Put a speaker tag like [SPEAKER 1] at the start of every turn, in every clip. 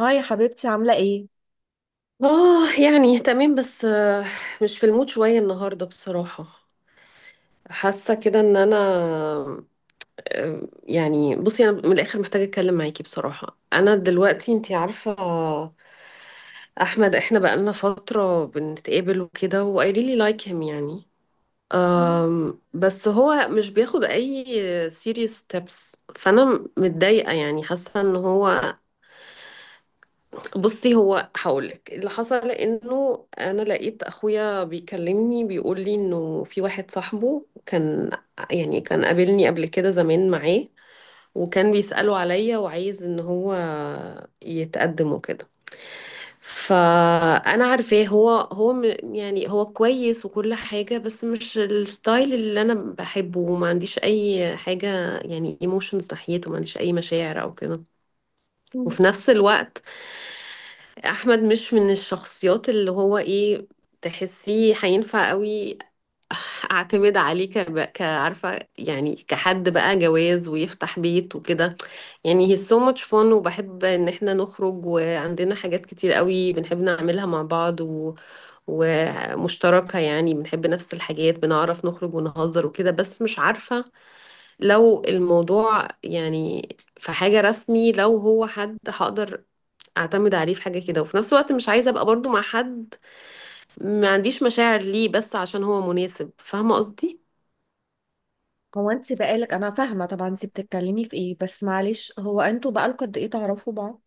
[SPEAKER 1] هاي يا حبيبتي عاملة ايه؟
[SPEAKER 2] اه، يعني تمام بس مش في المود شوية النهاردة بصراحة. حاسة كده ان انا. يعني بصي، انا من الاخر محتاجة اتكلم معاكي بصراحة. انا دلوقتي انتي عارفة، احمد، احنا بقالنا فترة بنتقابل وكده، و I really like him يعني. بس هو مش بياخد اي serious steps. فانا متضايقة، يعني حاسة ان هو. بصي، هو هقولك اللي حصل، انه انا لقيت اخويا بيكلمني بيقول لي انه في واحد صاحبه كان، يعني كان قابلني قبل كده زمان معاه، وكان بيسأله عليا وعايز ان هو يتقدم وكده. فانا عارفاه، يعني هو كويس وكل حاجة، بس مش الستايل اللي انا بحبه، وما عنديش اي حاجة يعني ايموشنز ناحيته، ما عنديش اي مشاعر او كده.
[SPEAKER 1] مم.
[SPEAKER 2] وفي نفس الوقت احمد مش من الشخصيات اللي هو ايه، تحسيه هينفع قوي اعتمد عليه كعارفه، يعني كحد بقى جواز ويفتح بيت وكده. يعني he's so much fun، وبحب ان احنا نخرج، وعندنا حاجات كتير قوي بنحب نعملها مع بعض و... ومشتركه، يعني بنحب نفس الحاجات، بنعرف نخرج ونهزر وكده. بس مش عارفه، لو الموضوع يعني في حاجه رسمي، لو هو حد هقدر اعتمد عليه في حاجة كده. وفي نفس الوقت مش عايزة ابقى برضو مع حد ما عنديش مشاعر ليه، بس عشان هو مناسب، فاهمة قصدي.
[SPEAKER 1] هو انت بقالك، انا فاهمة طبعا انت بتتكلمي في ايه، بس معلش، هو انتوا بقالكوا قد ايه تعرفوا بعض؟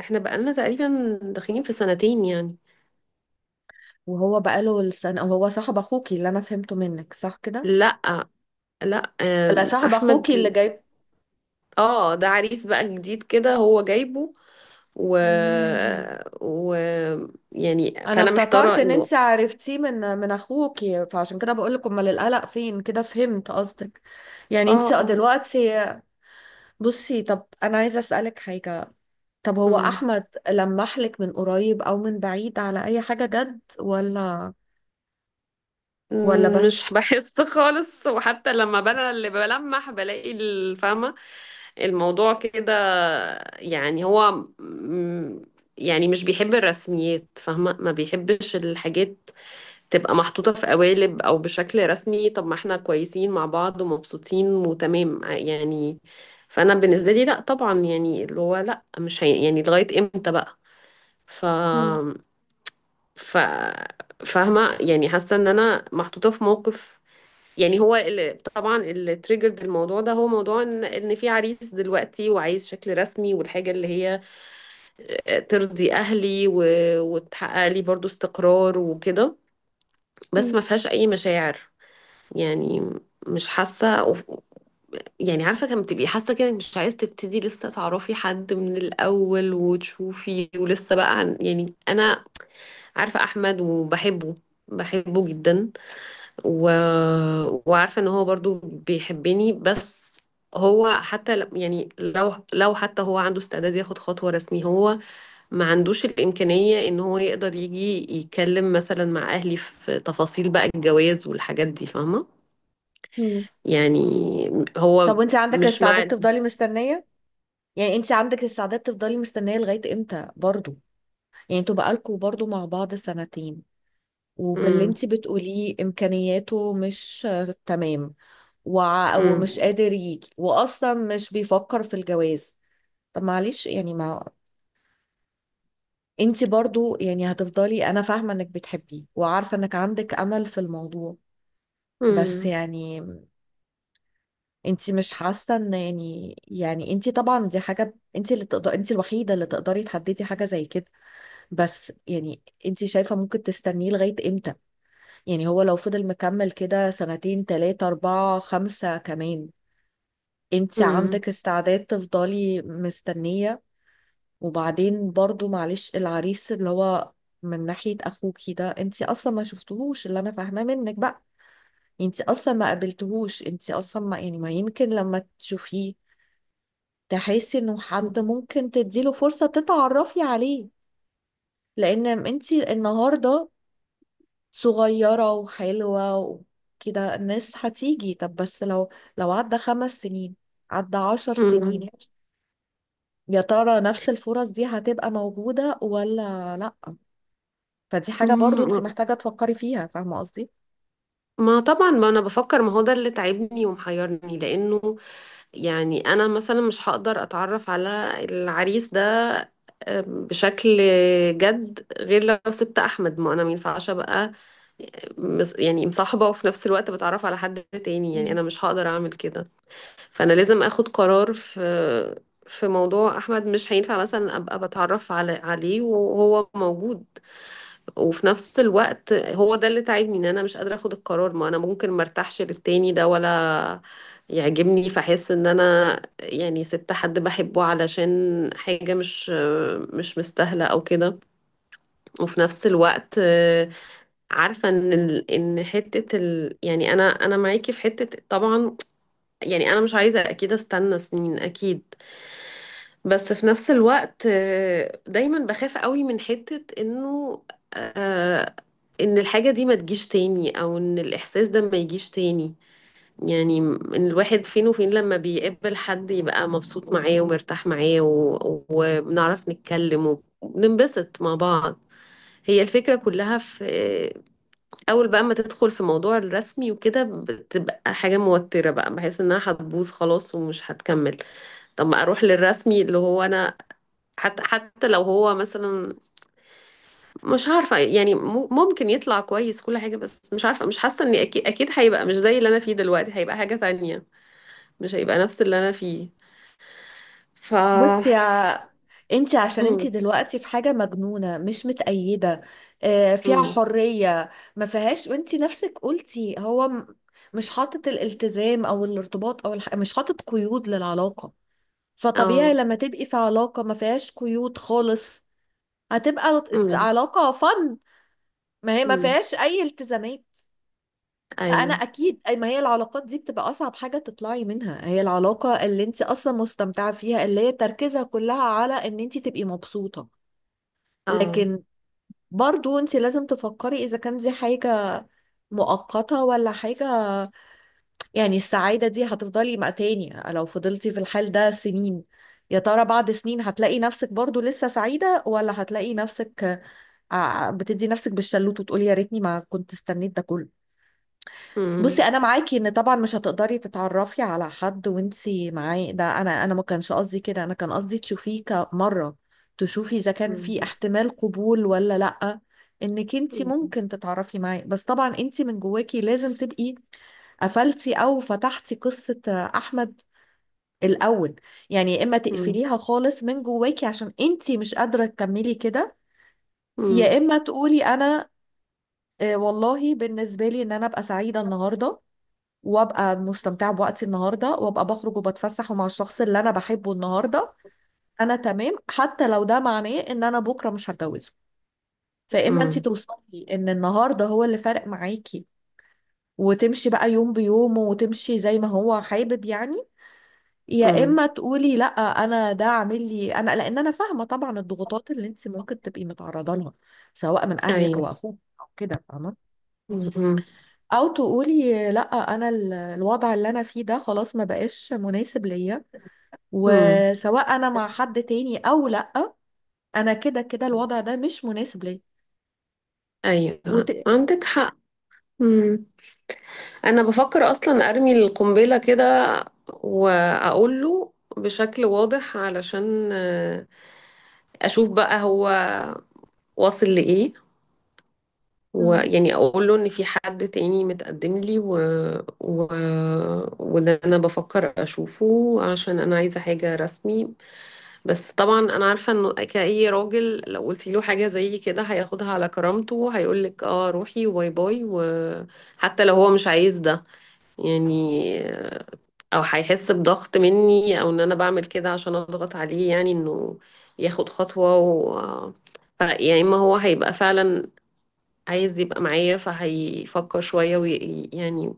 [SPEAKER 2] احنا بقالنا تقريبا داخلين في سنتين يعني.
[SPEAKER 1] وهو بقاله السنة وهو صاحب اخوكي، اللي انا فهمته منك صح كده؟
[SPEAKER 2] لا، لا،
[SPEAKER 1] لا، صاحب
[SPEAKER 2] احمد.
[SPEAKER 1] اخوكي اللي جايب.
[SPEAKER 2] اه، ده عريس بقى جديد كده هو جايبه. و...
[SPEAKER 1] مم.
[SPEAKER 2] و يعني
[SPEAKER 1] انا
[SPEAKER 2] فانا
[SPEAKER 1] افتكرت
[SPEAKER 2] محتارة
[SPEAKER 1] ان
[SPEAKER 2] انه.
[SPEAKER 1] انت عرفتيه من اخوكي، فعشان كده بقول لك امال القلق فين، كده فهمت قصدك. يعني
[SPEAKER 2] اه،
[SPEAKER 1] انت
[SPEAKER 2] اه.
[SPEAKER 1] دلوقتي. بصي، طب انا عايزه اسالك حاجه. طب هو
[SPEAKER 2] أمم.
[SPEAKER 1] احمد لمح لك من قريب او من بعيد على اي حاجه جد ولا بس؟
[SPEAKER 2] مش بحس خالص، وحتى لما انا اللي بلمح بلاقي الفاهمة الموضوع كده. يعني هو م- يعني مش بيحب الرسميات، فاهمة. ما بيحبش الحاجات تبقى محطوطة في قوالب او بشكل رسمي. طب ما احنا كويسين مع بعض ومبسوطين وتمام، يعني فانا بالنسبة لي لا طبعا، يعني اللي هو لا، مش هي، يعني لغاية امتى بقى. ف
[SPEAKER 1] مم.
[SPEAKER 2] ف فاهمة، يعني حاسة ان انا محطوطة في موقف. يعني هو طبعا اللي تريجرد الموضوع ده، هو موضوع ان في عريس دلوقتي وعايز شكل رسمي، والحاجه اللي هي ترضي اهلي و... وتحقق لي برضو استقرار وكده، بس
[SPEAKER 1] مم.
[SPEAKER 2] ما فيهاش اي مشاعر. يعني مش حاسه أو... يعني عارفه كم تبقي حاسه كده إنك مش عايز تبتدي لسه تعرفي حد من الاول وتشوفي، ولسه بقى يعني انا عارفه احمد وبحبه، بحبه جدا. و... وعارفة ان هو برضو بيحبني، بس هو حتى يعني لو حتى هو عنده استعداد ياخد خطوة رسمية، هو ما عندوش الإمكانية ان هو يقدر يجي يتكلم مثلا مع أهلي في تفاصيل بقى الجواز والحاجات دي، فاهمة.
[SPEAKER 1] مم.
[SPEAKER 2] يعني
[SPEAKER 1] طب
[SPEAKER 2] هو
[SPEAKER 1] وانت عندك
[SPEAKER 2] مش مع.
[SPEAKER 1] استعداد تفضلي مستنيه؟ يعني انت عندك استعداد تفضلي مستنيه لغايه امتى برضو؟ يعني انتوا بقالكوا برضو مع بعض سنتين، وباللي
[SPEAKER 2] مم.
[SPEAKER 1] انت بتقوليه امكانياته مش تمام، ومش
[SPEAKER 2] مم.
[SPEAKER 1] قادر يجي، واصلا مش بيفكر في الجواز. طب معلش يعني ما انت برضو يعني هتفضلي، انا فاهمة انك بتحبيه وعارفة انك عندك امل في الموضوع، بس
[SPEAKER 2] مم.
[SPEAKER 1] يعني انت مش حاسة ان يعني انت طبعا دي حاجة انت اللي تقدر، انت الوحيدة اللي تقدري تحددي حاجة زي كده. بس يعني انت شايفة ممكن تستنيه لغاية امتى؟ يعني هو لو فضل مكمل كده سنتين تلاتة اربعة خمسة كمان، انت
[SPEAKER 2] مم.
[SPEAKER 1] عندك استعداد تفضلي مستنية؟ وبعدين برضو معلش، العريس اللي هو من ناحية اخوكي ده، انتي اصلا ما شفتهوش، اللي انا فاهماه منك بقى انتي اصلا ما قابلتهوش، انتي اصلا ما يعني ما يمكن لما تشوفيه تحسي انه حد ممكن تديله فرصة تتعرفي عليه. لان انتي النهاردة صغيرة وحلوة وكده الناس هتيجي، طب بس لو عدى خمس سنين، عدى عشر
[SPEAKER 2] مم.
[SPEAKER 1] سنين، يا ترى نفس الفرص دي هتبقى موجودة ولا لأ؟ فدي حاجة برضو انت
[SPEAKER 2] مم.
[SPEAKER 1] محتاجة تفكري فيها، فاهمة قصدي؟
[SPEAKER 2] ما طبعا، ما انا بفكر. ما هو ده اللي تعبني ومحيرني، لانه يعني انا مثلا مش هقدر اتعرف على العريس ده بشكل جد، غير لو سبت احمد. ما انا مينفعش ابقى يعني مصاحبه وفي نفس الوقت بتعرف على حد تاني، يعني
[SPEAKER 1] مم.
[SPEAKER 2] انا مش هقدر اعمل كده. فانا لازم اخد قرار في موضوع احمد. مش هينفع مثلا ابقى بتعرف عليه وهو موجود، وفي نفس الوقت هو ده اللي تعبني، ان انا مش قادره اخد القرار. ما انا ممكن مرتاحش للتاني ده ولا يعجبني، فاحس ان انا يعني سبت حد بحبه علشان حاجه مش مستاهله او كده. وفي نفس الوقت عارفه ان ال- ان حته ال يعني انا معاكي في حته طبعا. يعني انا مش عايزه اكيد استنى سنين، اكيد. بس في نفس الوقت دايما بخاف قوي من حتة انه آه، ان الحاجة دي ما تجيش تاني، او ان الاحساس ده ما يجيش تاني. يعني ان الواحد فين وفين، لما بيقابل حد يبقى مبسوط معاه ومرتاح معاه، و- وبنعرف نتكلم وبننبسط مع بعض. هي الفكرة كلها في اول بقى ما تدخل في موضوع الرسمي وكده، بتبقى حاجة موترة بقى، بحس انها هتبوظ خلاص ومش هتكمل. طب ما اروح للرسمي اللي هو انا حتى لو هو مثلا مش عارفة يعني ممكن يطلع كويس كل حاجة، بس مش عارفة، مش حاسة اني اكيد، اكيد هيبقى مش زي اللي انا فيه دلوقتي. هيبقى حاجة تانية، مش هيبقى نفس اللي انا فيه. ف
[SPEAKER 1] بصي يا، انت عشان انت
[SPEAKER 2] امم.
[SPEAKER 1] دلوقتي في حاجة مجنونة مش متأيدة، فيها
[SPEAKER 2] امم.
[SPEAKER 1] حرية ما فيهاش، وانت نفسك قلتي هو مش حاطط الالتزام او الارتباط او مش حاطط قيود للعلاقة. فطبيعي
[SPEAKER 2] اه.
[SPEAKER 1] لما تبقي في علاقة ما فيهاش قيود خالص، هتبقى
[SPEAKER 2] امم.
[SPEAKER 1] علاقة فن، ما هي ما
[SPEAKER 2] امم.
[SPEAKER 1] فيهاش اي التزامات. فانا
[SPEAKER 2] ايوه.
[SPEAKER 1] اكيد ما هي العلاقات دي بتبقى اصعب حاجه تطلعي منها هي العلاقه اللي انت اصلا مستمتعه فيها، اللي هي تركيزها كلها على ان انت تبقي مبسوطه.
[SPEAKER 2] اه.
[SPEAKER 1] لكن برضو انت لازم تفكري اذا كان دي حاجه مؤقته ولا حاجه، يعني السعاده دي هتفضلي مع تاني لو فضلتي في الحال ده سنين؟ يا ترى بعد سنين هتلاقي نفسك برضو لسه سعيده، ولا هتلاقي نفسك بتدي نفسك بالشلوت وتقولي يا ريتني ما كنت استنيت ده كله؟ بصي،
[SPEAKER 2] امم.
[SPEAKER 1] انا معاكي ان طبعا مش هتقدري تتعرفي على حد وانتي معاه، ده انا ما كانش قصدي كده، انا كان قصدي تشوفيه كمره، تشوفي اذا كان
[SPEAKER 2] امم.
[SPEAKER 1] في احتمال قبول ولا لا، انك انتي ممكن تتعرفي معاه، بس طبعا انتي من جواكي لازم تبقي قفلتي او فتحتي قصة احمد الاول. يعني يا اما
[SPEAKER 2] امم.
[SPEAKER 1] تقفليها خالص من جواكي عشان انتي مش قادرة تكملي كده، يا
[SPEAKER 2] امم.
[SPEAKER 1] اما تقولي انا والله بالنسبة لي ان انا ابقى سعيدة النهاردة، وابقى مستمتعه بوقتي النهارده وابقى بخرج وبتفسح ومع الشخص اللي انا بحبه النهارده، انا تمام حتى لو ده معناه ان انا بكره مش هتجوزه. فاما انت
[SPEAKER 2] امم.
[SPEAKER 1] توصلي ان النهارده هو اللي فارق معاكي، وتمشي بقى يوم بيومه وتمشي زي ما هو حابب يعني، يا
[SPEAKER 2] امم.
[SPEAKER 1] اما تقولي لا، انا ده عامل لي، انا لان انا فاهمه طبعا الضغوطات اللي انت ممكن تبقي متعرضه لها، سواء من اهلك
[SPEAKER 2] ايوه.
[SPEAKER 1] او اخوك او كده فاهمه،
[SPEAKER 2] امم.
[SPEAKER 1] او تقولي لا، انا الوضع اللي انا فيه ده خلاص ما بقاش مناسب ليا،
[SPEAKER 2] امم.
[SPEAKER 1] وسواء انا مع حد تاني او لا، انا كده كده الوضع ده مش مناسب ليا. وت...
[SPEAKER 2] ايوه، عندك حق. مم. انا بفكر اصلا ارمي القنبله كده، واقول له بشكل واضح علشان اشوف بقى هو واصل لايه.
[SPEAKER 1] مم.
[SPEAKER 2] ويعني اقول له ان في حد تاني متقدم لي و... و... وده انا بفكر اشوفه عشان انا عايزه حاجه رسمي. بس طبعا انا عارفه انه كأي راجل، لو قلتي له حاجه زي كده هياخدها على كرامته، هيقول لك اه روحي وباي باي، وحتى لو هو مش عايز ده يعني، او هيحس بضغط مني او ان انا بعمل كده عشان اضغط عليه، يعني انه ياخد خطوة. و يا اما هو هيبقى فعلا عايز يبقى معايا، فهيفكر شوية وي... يعني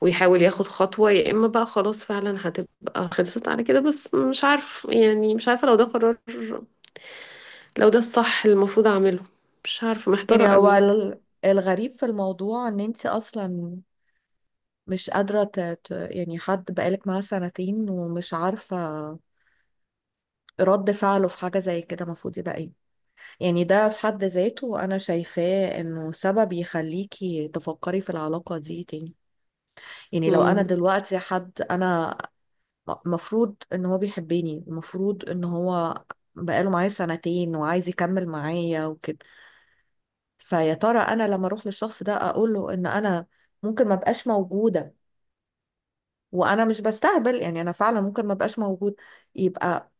[SPEAKER 2] ويحاول ياخد خطوة، يا اما بقى خلاص فعلا هتبقى خلصت على كده. بس مش عارف، يعني مش عارفة لو ده قرار، لو ده الصح اللي المفروض اعمله، مش عارفة، محتارة
[SPEAKER 1] يعني هو
[SPEAKER 2] قوي.
[SPEAKER 1] الغريب في الموضوع ان انت اصلا مش قادرة يعني حد بقالك معاه سنتين ومش عارفة رد فعله في حاجة زي كده المفروض يبقى ايه. يعني ده في حد ذاته انا شايفاه انه سبب يخليكي تفكري في العلاقة دي تاني، يعني لو انا
[SPEAKER 2] امم.
[SPEAKER 1] دلوقتي حد انا المفروض ان هو بيحبني المفروض ان هو بقاله معايا سنتين وعايز يكمل معايا وكده، فيا ترى انا لما اروح للشخص ده اقول له ان انا ممكن ما بقاش موجوده وانا مش بستهبل، يعني انا فعلا ممكن ما بقاش موجود، يبقى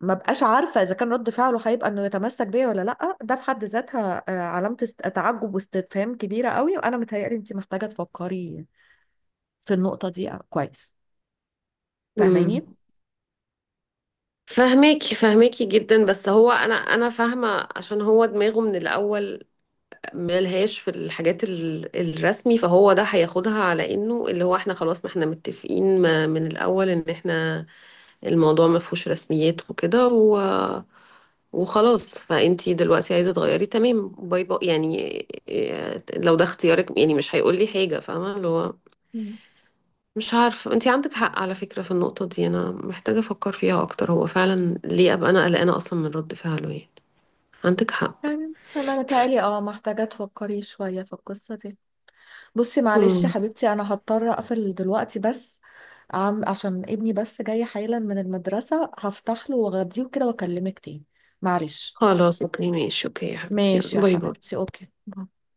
[SPEAKER 1] ما بقاش عارفه اذا كان رد فعله هيبقى انه يتمسك بيا ولا لا. ده في حد ذاتها علامه تعجب واستفهام كبيره قوي، وانا متهيألي انت محتاجه تفكري في النقطه دي كويس،
[SPEAKER 2] امم.
[SPEAKER 1] فاهماني؟
[SPEAKER 2] فهماكي، فهماكي جدا، بس هو انا فاهمه عشان هو دماغه من الاول ملهاش في الحاجات الرسمي، فهو ده هياخدها على انه اللي هو احنا خلاص، ما احنا متفقين من الاول ان احنا الموضوع ما فيهوش رسميات وكده و... وخلاص، فانتي دلوقتي عايزة تغيري تمام، باي باي يعني. لو ده اختيارك يعني مش هيقول لي حاجة، فاهمة اللي هو، مش عارفة. انتي عندك حق على فكرة في النقطة دي، انا محتاجة افكر فيها اكتر، هو فعلا ليه ابقى انا قلقانة اصلا من رد فعله يعني. عندك حق.
[SPEAKER 1] يعني انا متهيألي محتاجة تفكري شوية في القصة دي. بصي معلش يا
[SPEAKER 2] مم.
[SPEAKER 1] حبيبتي، انا هضطر اقفل دلوقتي بس، عشان ابني بس جاي حالا من المدرسة، هفتح له واغديه كده واكلمك تاني، معلش.
[SPEAKER 2] خلاص، اوكي، ماشي، اوكي يا حبيبتي،
[SPEAKER 1] ماشي يا
[SPEAKER 2] باي باي.
[SPEAKER 1] حبيبتي، اوكي.